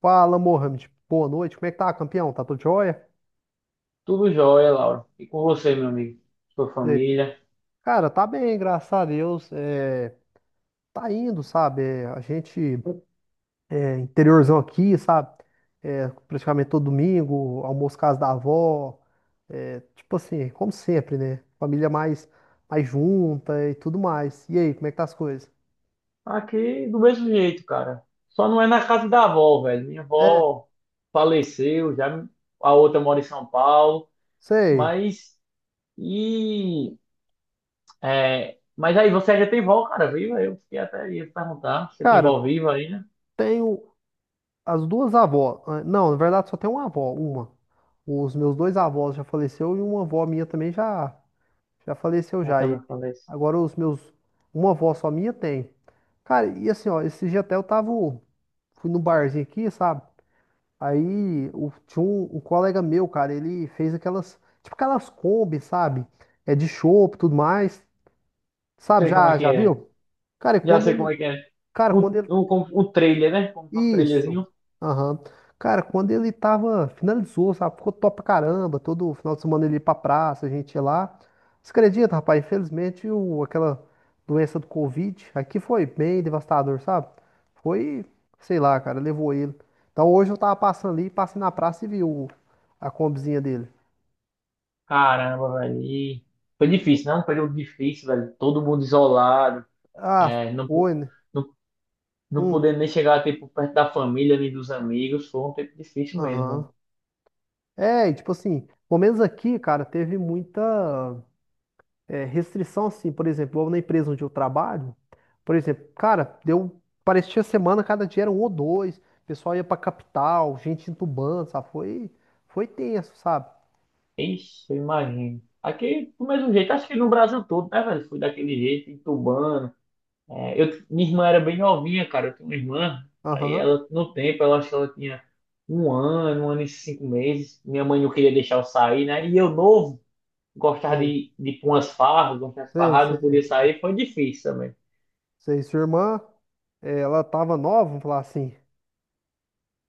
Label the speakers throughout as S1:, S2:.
S1: Fala, Mohamed. Boa noite. Como é que tá, campeão? Tá tudo jóia?
S2: Tudo jóia, Laura. E com você, meu amigo? Sua
S1: E aí?
S2: família?
S1: Cara, tá bem, graças a Deus. É, tá indo, sabe? É, a gente, é, interiorzão aqui, sabe? É, praticamente todo domingo, almoço casa da avó. É, tipo assim, como sempre, né? Família mais junta e tudo mais. E aí, como é que tá as coisas?
S2: Aqui do mesmo jeito, cara. Só não é na casa da avó, velho. Minha
S1: É,
S2: avó faleceu, já a outra mora em São Paulo.
S1: sei.
S2: Mas e mas aí você já tem vó, cara, viva? Eu fiquei até ia perguntar, você tem
S1: Cara,
S2: vó viva aí, né?
S1: tenho as duas avós. Ah, não, na verdade só tem uma avó, uma. Os meus dois avós já faleceu e uma avó minha também já. Já faleceu
S2: É,
S1: já. E
S2: também faleceu.
S1: agora os meus. Uma avó só minha tem. Cara, e assim, ó, esse dia até eu tava. Fui no barzinho aqui, sabe? Aí tinha um colega meu, cara, ele fez aquelas. Tipo aquelas Kombi, sabe? É de chopp e tudo mais. Sabe,
S2: Sei como é
S1: já,
S2: que
S1: já
S2: é.
S1: viu? Cara, e
S2: Já
S1: quando
S2: sei como
S1: ele.
S2: é que é.
S1: Cara,
S2: Um,
S1: quando ele
S2: um, um trailer, né? Como um
S1: isso.
S2: trailerzinho.
S1: Aham. Cara, quando ele tava, finalizou, sabe? Ficou top pra caramba. Todo final de semana ele ia pra praça, a gente ia lá. Você acredita, rapaz? Infelizmente, aquela doença do Covid aqui foi bem devastador, sabe? Foi sei lá, cara, levou ele. Então hoje eu tava passando ali, passei na praça e vi a combizinha dele.
S2: Caramba, velho. E foi difícil, não? Um período difícil, velho. Todo mundo isolado.
S1: Ah,
S2: É, não, pu-
S1: foi, né?
S2: não, não,
S1: Hum,
S2: podendo nem chegar tipo, perto da família nem dos amigos. Foi um tempo difícil mesmo, né?
S1: aham. É, e tipo assim, pelo menos aqui, cara, teve muita. É, restrição, assim, por exemplo, eu na empresa onde eu trabalho, por exemplo, cara, deu, parecia semana, cada dia era um ou dois, o pessoal ia pra capital, gente entubando, sabe? Foi tenso, sabe?
S2: Ixi, eu imagino. Aqui, do mesmo jeito, acho que no Brasil todo, né, velho? Fui daquele jeito, entubando. Minha irmã era bem novinha, cara. Eu tenho uma irmã. Aí
S1: Aham,
S2: ela, no tempo, ela achou que ela tinha um ano e cinco meses. Minha mãe não queria deixar eu sair, né? E eu novo. Gostar
S1: sei,
S2: de ir pra umas farras, gostar de
S1: sei,
S2: farrar, não
S1: sei,
S2: poder sair, foi difícil também.
S1: sei. Sua irmã, é, ela tava nova, vamos falar assim.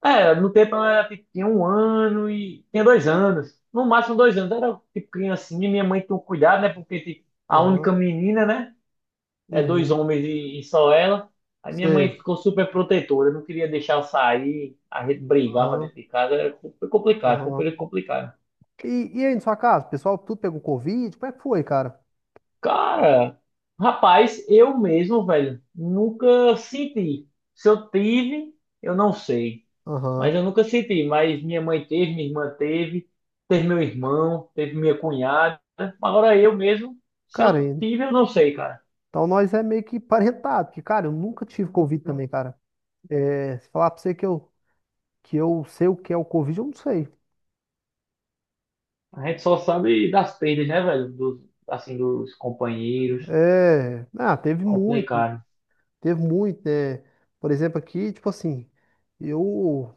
S2: No tempo eu era, tipo, tinha um ano e tinha dois anos. No máximo dois anos. Eu era tipo criancinha, minha mãe tinha um cuidado, né? Porque tipo, a
S1: Aham,
S2: única menina, né? É dois
S1: uhum,
S2: homens e só ela. A minha mãe
S1: sei,
S2: ficou super protetora, não queria deixar eu sair, a gente brigava
S1: aham,
S2: dentro de casa, era foi complicado, foi um
S1: aham.
S2: período complicado.
S1: E aí, na sua casa, o pessoal tudo pegou Covid? Como é que foi, cara?
S2: Cara, rapaz, eu mesmo, velho, nunca senti. Se eu tive, eu não sei. Mas
S1: Aham.
S2: eu nunca senti, mas minha mãe teve, minha irmã teve, teve meu irmão, teve minha cunhada. Agora eu mesmo, se eu
S1: Cara,
S2: tive, eu não sei, cara.
S1: então nós é meio que parentado, porque, cara, eu nunca tive Covid também, cara. É, se falar pra você que eu sei o que é o Covid, eu não sei.
S2: A gente só sabe das perdas, né, velho? Dos, assim, dos companheiros.
S1: É, ah, teve muito, né?
S2: Complicado.
S1: Teve muito, né? Por exemplo, aqui, tipo assim, eu,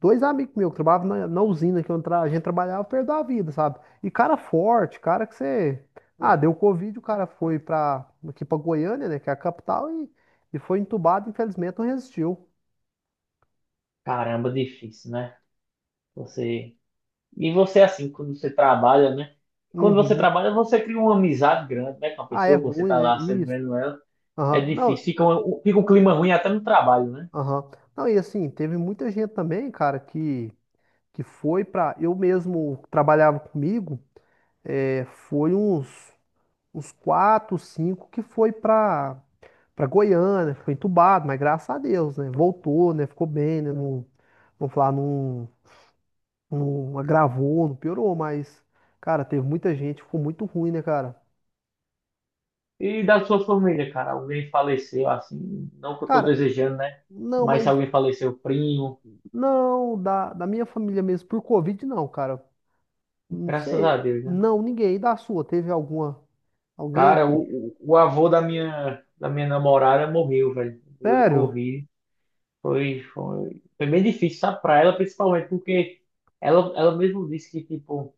S1: dois amigos meus que trabalhavam na usina que a gente trabalhava, perdeu a vida, sabe? E cara forte, cara que você, ah, deu Covid, o cara foi pra, aqui pra Goiânia, né, que é a capital, e foi entubado, infelizmente não resistiu.
S2: Caramba, difícil, né? Você. E você, assim, quando você trabalha, né? Quando você
S1: Uhum.
S2: trabalha, você cria uma amizade grande, né? Com a
S1: Ah, é
S2: pessoa que você
S1: ruim,
S2: tá
S1: né?
S2: lá sempre
S1: Isso.
S2: vendo ela. É
S1: Aham.
S2: difícil.
S1: Não,
S2: Fica um clima ruim até no trabalho, né?
S1: aham. Não, e assim, teve muita gente também, cara, que foi para eu mesmo trabalhava comigo, é, foi uns quatro, cinco que foi para para Goiânia, foi entubado, mas graças a Deus, né? Voltou, né? Ficou bem, né? Não, vou falar, não, não agravou, não piorou, mas cara, teve muita gente, ficou muito ruim, né, cara?
S2: E da sua família, cara, alguém faleceu, assim, não que eu tô
S1: Cara,
S2: desejando, né?
S1: não,
S2: Mas se
S1: mas
S2: alguém faleceu, primo,
S1: não da minha família mesmo por Covid não, cara. Não
S2: graças
S1: sei.
S2: a Deus, né?
S1: Não, ninguém. E da sua, teve alguma alguém
S2: Cara,
S1: que
S2: o avô da minha namorada morreu, velho, de
S1: Sério?
S2: Covid. Foi bem difícil, sabe, pra ela, principalmente porque ela mesmo disse que, tipo,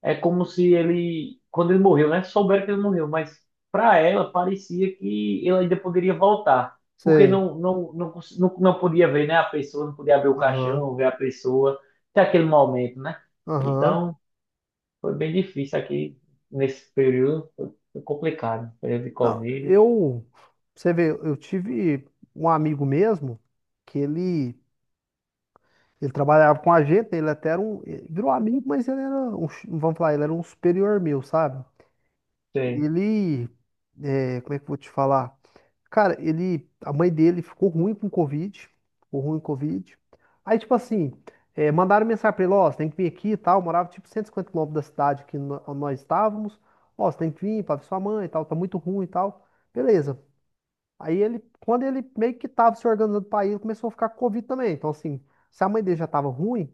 S2: é como se ele, quando ele morreu, né? Souberam que ele morreu, mas para ela parecia que ele ainda poderia voltar, porque
S1: Sei.
S2: não podia ver, né? A pessoa, não podia abrir o
S1: Aham.
S2: caixão, ver a pessoa, até aquele momento, né?
S1: Aham.
S2: Então, foi bem difícil aqui nesse período, foi complicado, período de
S1: Não,
S2: Covid.
S1: eu, você vê, eu tive um amigo mesmo que ele trabalhava com a gente, ele até era um, ele virou amigo, mas ele era um, vamos falar, ele era um superior meu, sabe?
S2: Sei,
S1: Ele, é, como é que eu vou te falar? Cara, ele, a mãe dele ficou ruim com Covid, ficou ruim com Covid. Aí, tipo assim, é, mandaram mensagem pra ele, ó, você tem que vir aqui e tal, eu morava tipo 150 quilômetros da cidade que nós estávamos, ó, você tem que vir pra ver sua mãe e tal, tá muito ruim e tal. Beleza. Aí ele, quando ele meio que tava se organizando pra ir, ele começou a ficar com Covid também. Então, assim, se a mãe dele já tava ruim,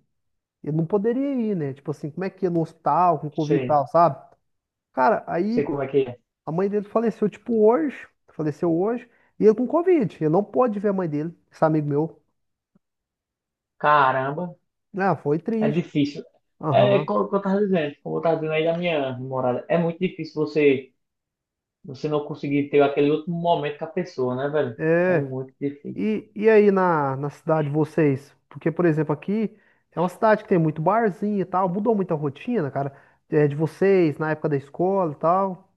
S1: ele não poderia ir, né? Tipo assim, como é que ia no hospital com Covid e
S2: sei,
S1: tal, sabe? Cara,
S2: sei
S1: aí
S2: como é que é.
S1: a mãe dele faleceu, tipo, hoje, faleceu hoje, e ele com Covid. Ele não pôde ver a mãe dele, esse amigo meu.
S2: Caramba,
S1: Ah, foi
S2: é
S1: triste.
S2: difícil. É
S1: Aham.
S2: como eu tava dizendo, aí da minha namorada, é muito difícil você não conseguir ter aquele último momento com a pessoa, né, velho? É
S1: É.
S2: muito difícil.
S1: E aí na, na cidade de vocês? Porque, por exemplo, aqui é uma cidade que tem muito barzinho e tal, mudou muito a rotina, cara, é, de vocês, na época da escola e tal.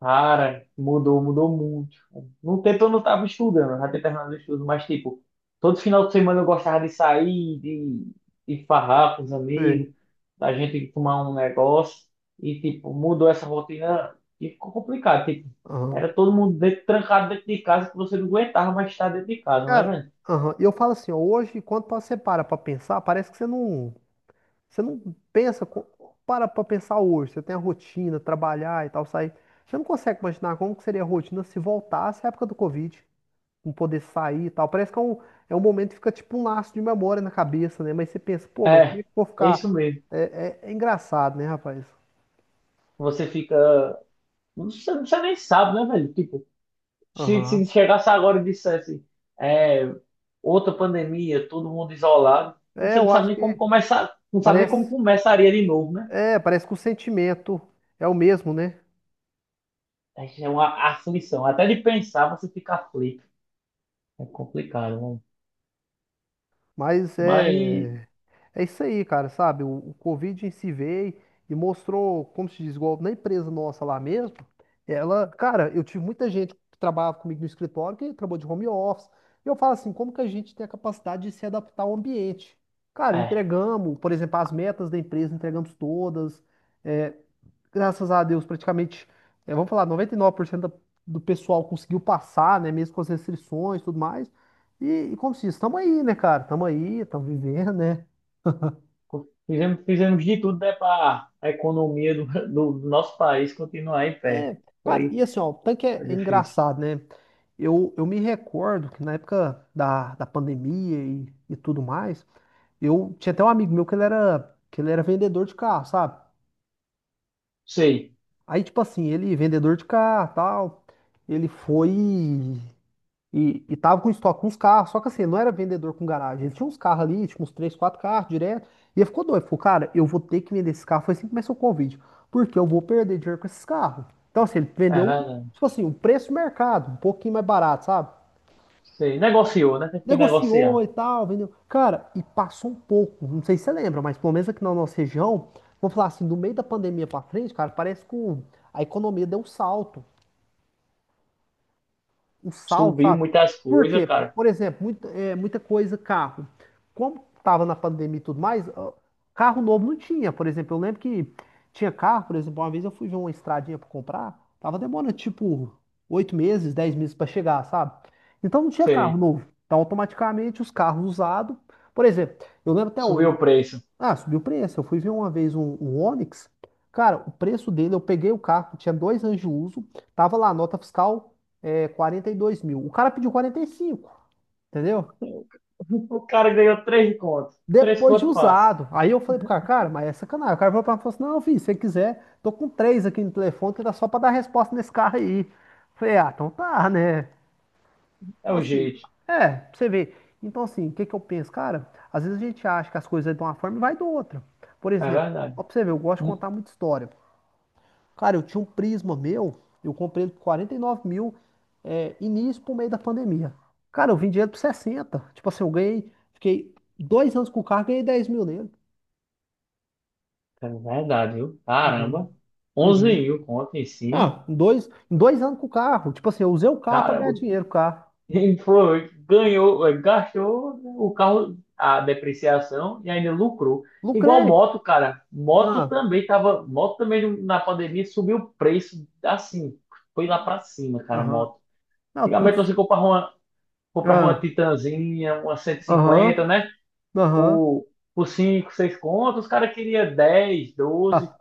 S2: Cara, mudou, mudou muito. No tempo eu não tava estudando, eu já tinha terminado o estudo, mas tipo, todo final de semana eu gostava de sair, de farrar com os amigos,
S1: Sei.
S2: da gente tomar um negócio. E tipo, mudou essa rotina e ficou complicado. Tipo,
S1: Aham.
S2: era todo mundo dentro, trancado dentro de casa que você não aguentava mais estar dentro de casa, né,
S1: Cara,
S2: velho?
S1: aham. E eu falo assim, ó, hoje, quando você para pra pensar, parece que você não pensa, para pra pensar hoje, você tem a rotina, trabalhar e tal, sair. Você não consegue imaginar como que seria a rotina se voltasse à época do Covid, não poder sair e tal. Parece que é um momento que fica tipo um laço de memória na cabeça, né? Mas você pensa, pô, mas como é
S2: É,
S1: que eu vou
S2: é isso
S1: ficar?
S2: mesmo.
S1: É, é engraçado, né, rapaz?
S2: Você fica. Você nem sabe, né, velho? Tipo, Se,
S1: Aham.
S2: se chegasse agora e dissesse, é, outra pandemia, todo mundo isolado,
S1: É,
S2: você não
S1: eu
S2: sabe
S1: acho
S2: nem
S1: que
S2: como começar, não sabe nem como
S1: parece,
S2: começaria de novo, né?
S1: é, parece que o sentimento é o mesmo, né?
S2: É uma aflição. Até de pensar, você fica aflito. É complicado, né?
S1: Mas
S2: Mas,
S1: é. É isso aí, cara, sabe? O Covid em si veio e mostrou, como se diz, igual na empresa nossa lá mesmo. Ela, cara, eu tive muita gente que trabalhava comigo no escritório que trabalhou de home office. E eu falo assim, como que a gente tem a capacidade de se adaptar ao ambiente? Cara,
S2: é,
S1: entregamos, por exemplo, as metas da empresa, entregamos todas. É, graças a Deus, praticamente, é, vamos falar, 99% da- do pessoal conseguiu passar, né? Mesmo com as restrições e tudo mais. E como se diz, estamos aí, né, cara? Estamos aí, estamos vivendo, né?
S2: fizemos de tudo, né, para a economia do nosso país continuar em pé.
S1: É, cara,
S2: Foi,
S1: e assim, ó, o tanque é,
S2: foi
S1: é
S2: difícil.
S1: engraçado, né? Eu me recordo que na época da pandemia e tudo mais, eu tinha até um amigo meu que ele era vendedor de carro, sabe?
S2: Sei,
S1: Aí, tipo assim, ele, vendedor de carro, tal, ele foi. E tava com estoque, com uns carros, só que assim, não era vendedor com garagem. Ele tinha uns carros ali, tipo uns três, quatro carros direto. E ele ficou doido, ficou, cara, eu vou ter que vender esse carro. Foi assim que começou o Covid, porque eu vou perder dinheiro com esses carros. Então, assim, ele
S2: é
S1: vendeu, um,
S2: verdade.
S1: tipo assim, um preço do mercado, um pouquinho mais barato, sabe?
S2: Sei. Negociou, né? Teve que negociar.
S1: Negociou e tal, vendeu. Cara, e passou um pouco, não sei se você lembra, mas pelo menos aqui na nossa região, vou falar assim, do meio da pandemia pra frente, cara, parece que a economia deu um salto.
S2: Subiu
S1: Sabe?
S2: muitas
S1: Por
S2: coisas,
S1: quê?
S2: cara.
S1: Por exemplo, muita coisa carro. Como tava na pandemia e tudo mais, ó, carro novo não tinha. Por exemplo, eu lembro que tinha carro, por exemplo, uma vez eu fui ver uma estradinha para comprar, tava demorando tipo 8 meses, 10 meses para chegar, sabe? Então não tinha carro
S2: Sei.
S1: novo. Então automaticamente os carros usados, por exemplo, eu lembro até
S2: Subiu
S1: hoje,
S2: o preço.
S1: ah, subiu o preço. Eu fui ver uma vez um, um Onix. Cara, o preço dele, eu peguei o carro, tinha 2 anos de uso, tava lá, nota fiscal é, 42 mil. O cara pediu 45, entendeu?
S2: O cara ganhou três contos. Três
S1: Depois de
S2: contos passa.
S1: usado. Aí eu falei pro cara, cara, mas é sacanagem. O cara falou pra mim, falou assim, não, filho, se você quiser, tô com três aqui no telefone, que dá só pra dar resposta nesse carro aí. Eu falei, ah, então tá, né?
S2: É
S1: Então
S2: o
S1: assim,
S2: jeito.
S1: é, pra você ver. Então assim, o que que eu penso? Cara, às vezes a gente acha que as coisas é de uma forma e vai de outra. Por
S2: É
S1: exemplo,
S2: verdade.
S1: ó, pra você ver, eu gosto de
S2: Hum,
S1: contar muita história. Cara, eu tinha um Prisma meu, eu comprei ele por 49 mil, é, início pro meio da pandemia. Cara, eu vendi ele por 60. Tipo assim, eu ganhei, fiquei 2 anos com o carro, ganhei 10 mil nele.
S2: É verdade, viu?
S1: Uhum.
S2: Caramba. 11
S1: Uhum.
S2: mil conto em cima.
S1: Ah, em dois anos com o carro. Tipo assim, eu usei o carro pra
S2: Caramba.
S1: ganhar dinheiro com o carro.
S2: Ele foi, ganhou, gastou né, o carro, a depreciação e ainda lucrou. Igual
S1: Lucrei.
S2: moto, cara. Moto
S1: Ah,
S2: também tava. Moto também na pandemia subiu o preço assim. Foi lá pra cima, cara,
S1: aham.
S2: moto.
S1: Não, tudo.
S2: Antigamente comprava uma
S1: Ah,
S2: Titanzinha, uma 150,
S1: aham,
S2: né?
S1: aham.
S2: por, por 5 6 contos, os caras queriam 10, 12,
S1: Ah,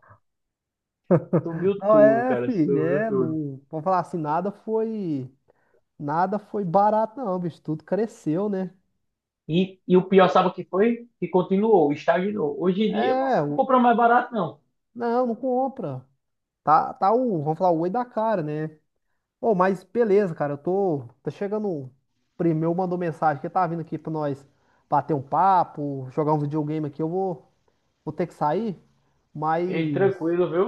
S2: subiu
S1: não,
S2: tudo,
S1: é,
S2: cara,
S1: filho,
S2: subiu
S1: é,
S2: tudo.
S1: não. Vamos falar assim, nada foi. Nada foi barato, não, bicho. Tudo cresceu, né?
S2: E o pior, sabe o que foi? Que continuou, estagnou. Hoje em dia você
S1: É,
S2: não
S1: o-
S2: compra mais barato, não.
S1: Não, não compra. Tá, tá o, vamos falar, o oi da cara, né? Ô, mas beleza, cara, tá chegando, um primo meu mandou mensagem que tá vindo aqui pra nós bater um papo, jogar um videogame aqui, eu vou ter que sair,
S2: E
S1: mas,
S2: tranquilo, viu?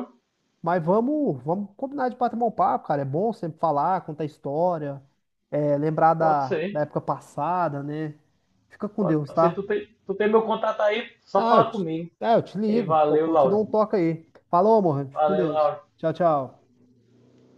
S1: mas vamos combinar de bater um papo, cara, é bom sempre falar, contar história, é, lembrar
S2: Pode
S1: da
S2: ser.
S1: época passada, né? Fica com
S2: Pode
S1: Deus,
S2: ser.
S1: tá?
S2: Tu tem meu contato aí, só
S1: Ah,
S2: falar comigo.
S1: eu te
S2: E
S1: ligo,
S2: valeu,
S1: eu te dou um
S2: Lauro.
S1: toque aí. Falou, amor, fica com
S2: Valeu,
S1: Deus.
S2: Lauro.
S1: Tchau, tchau.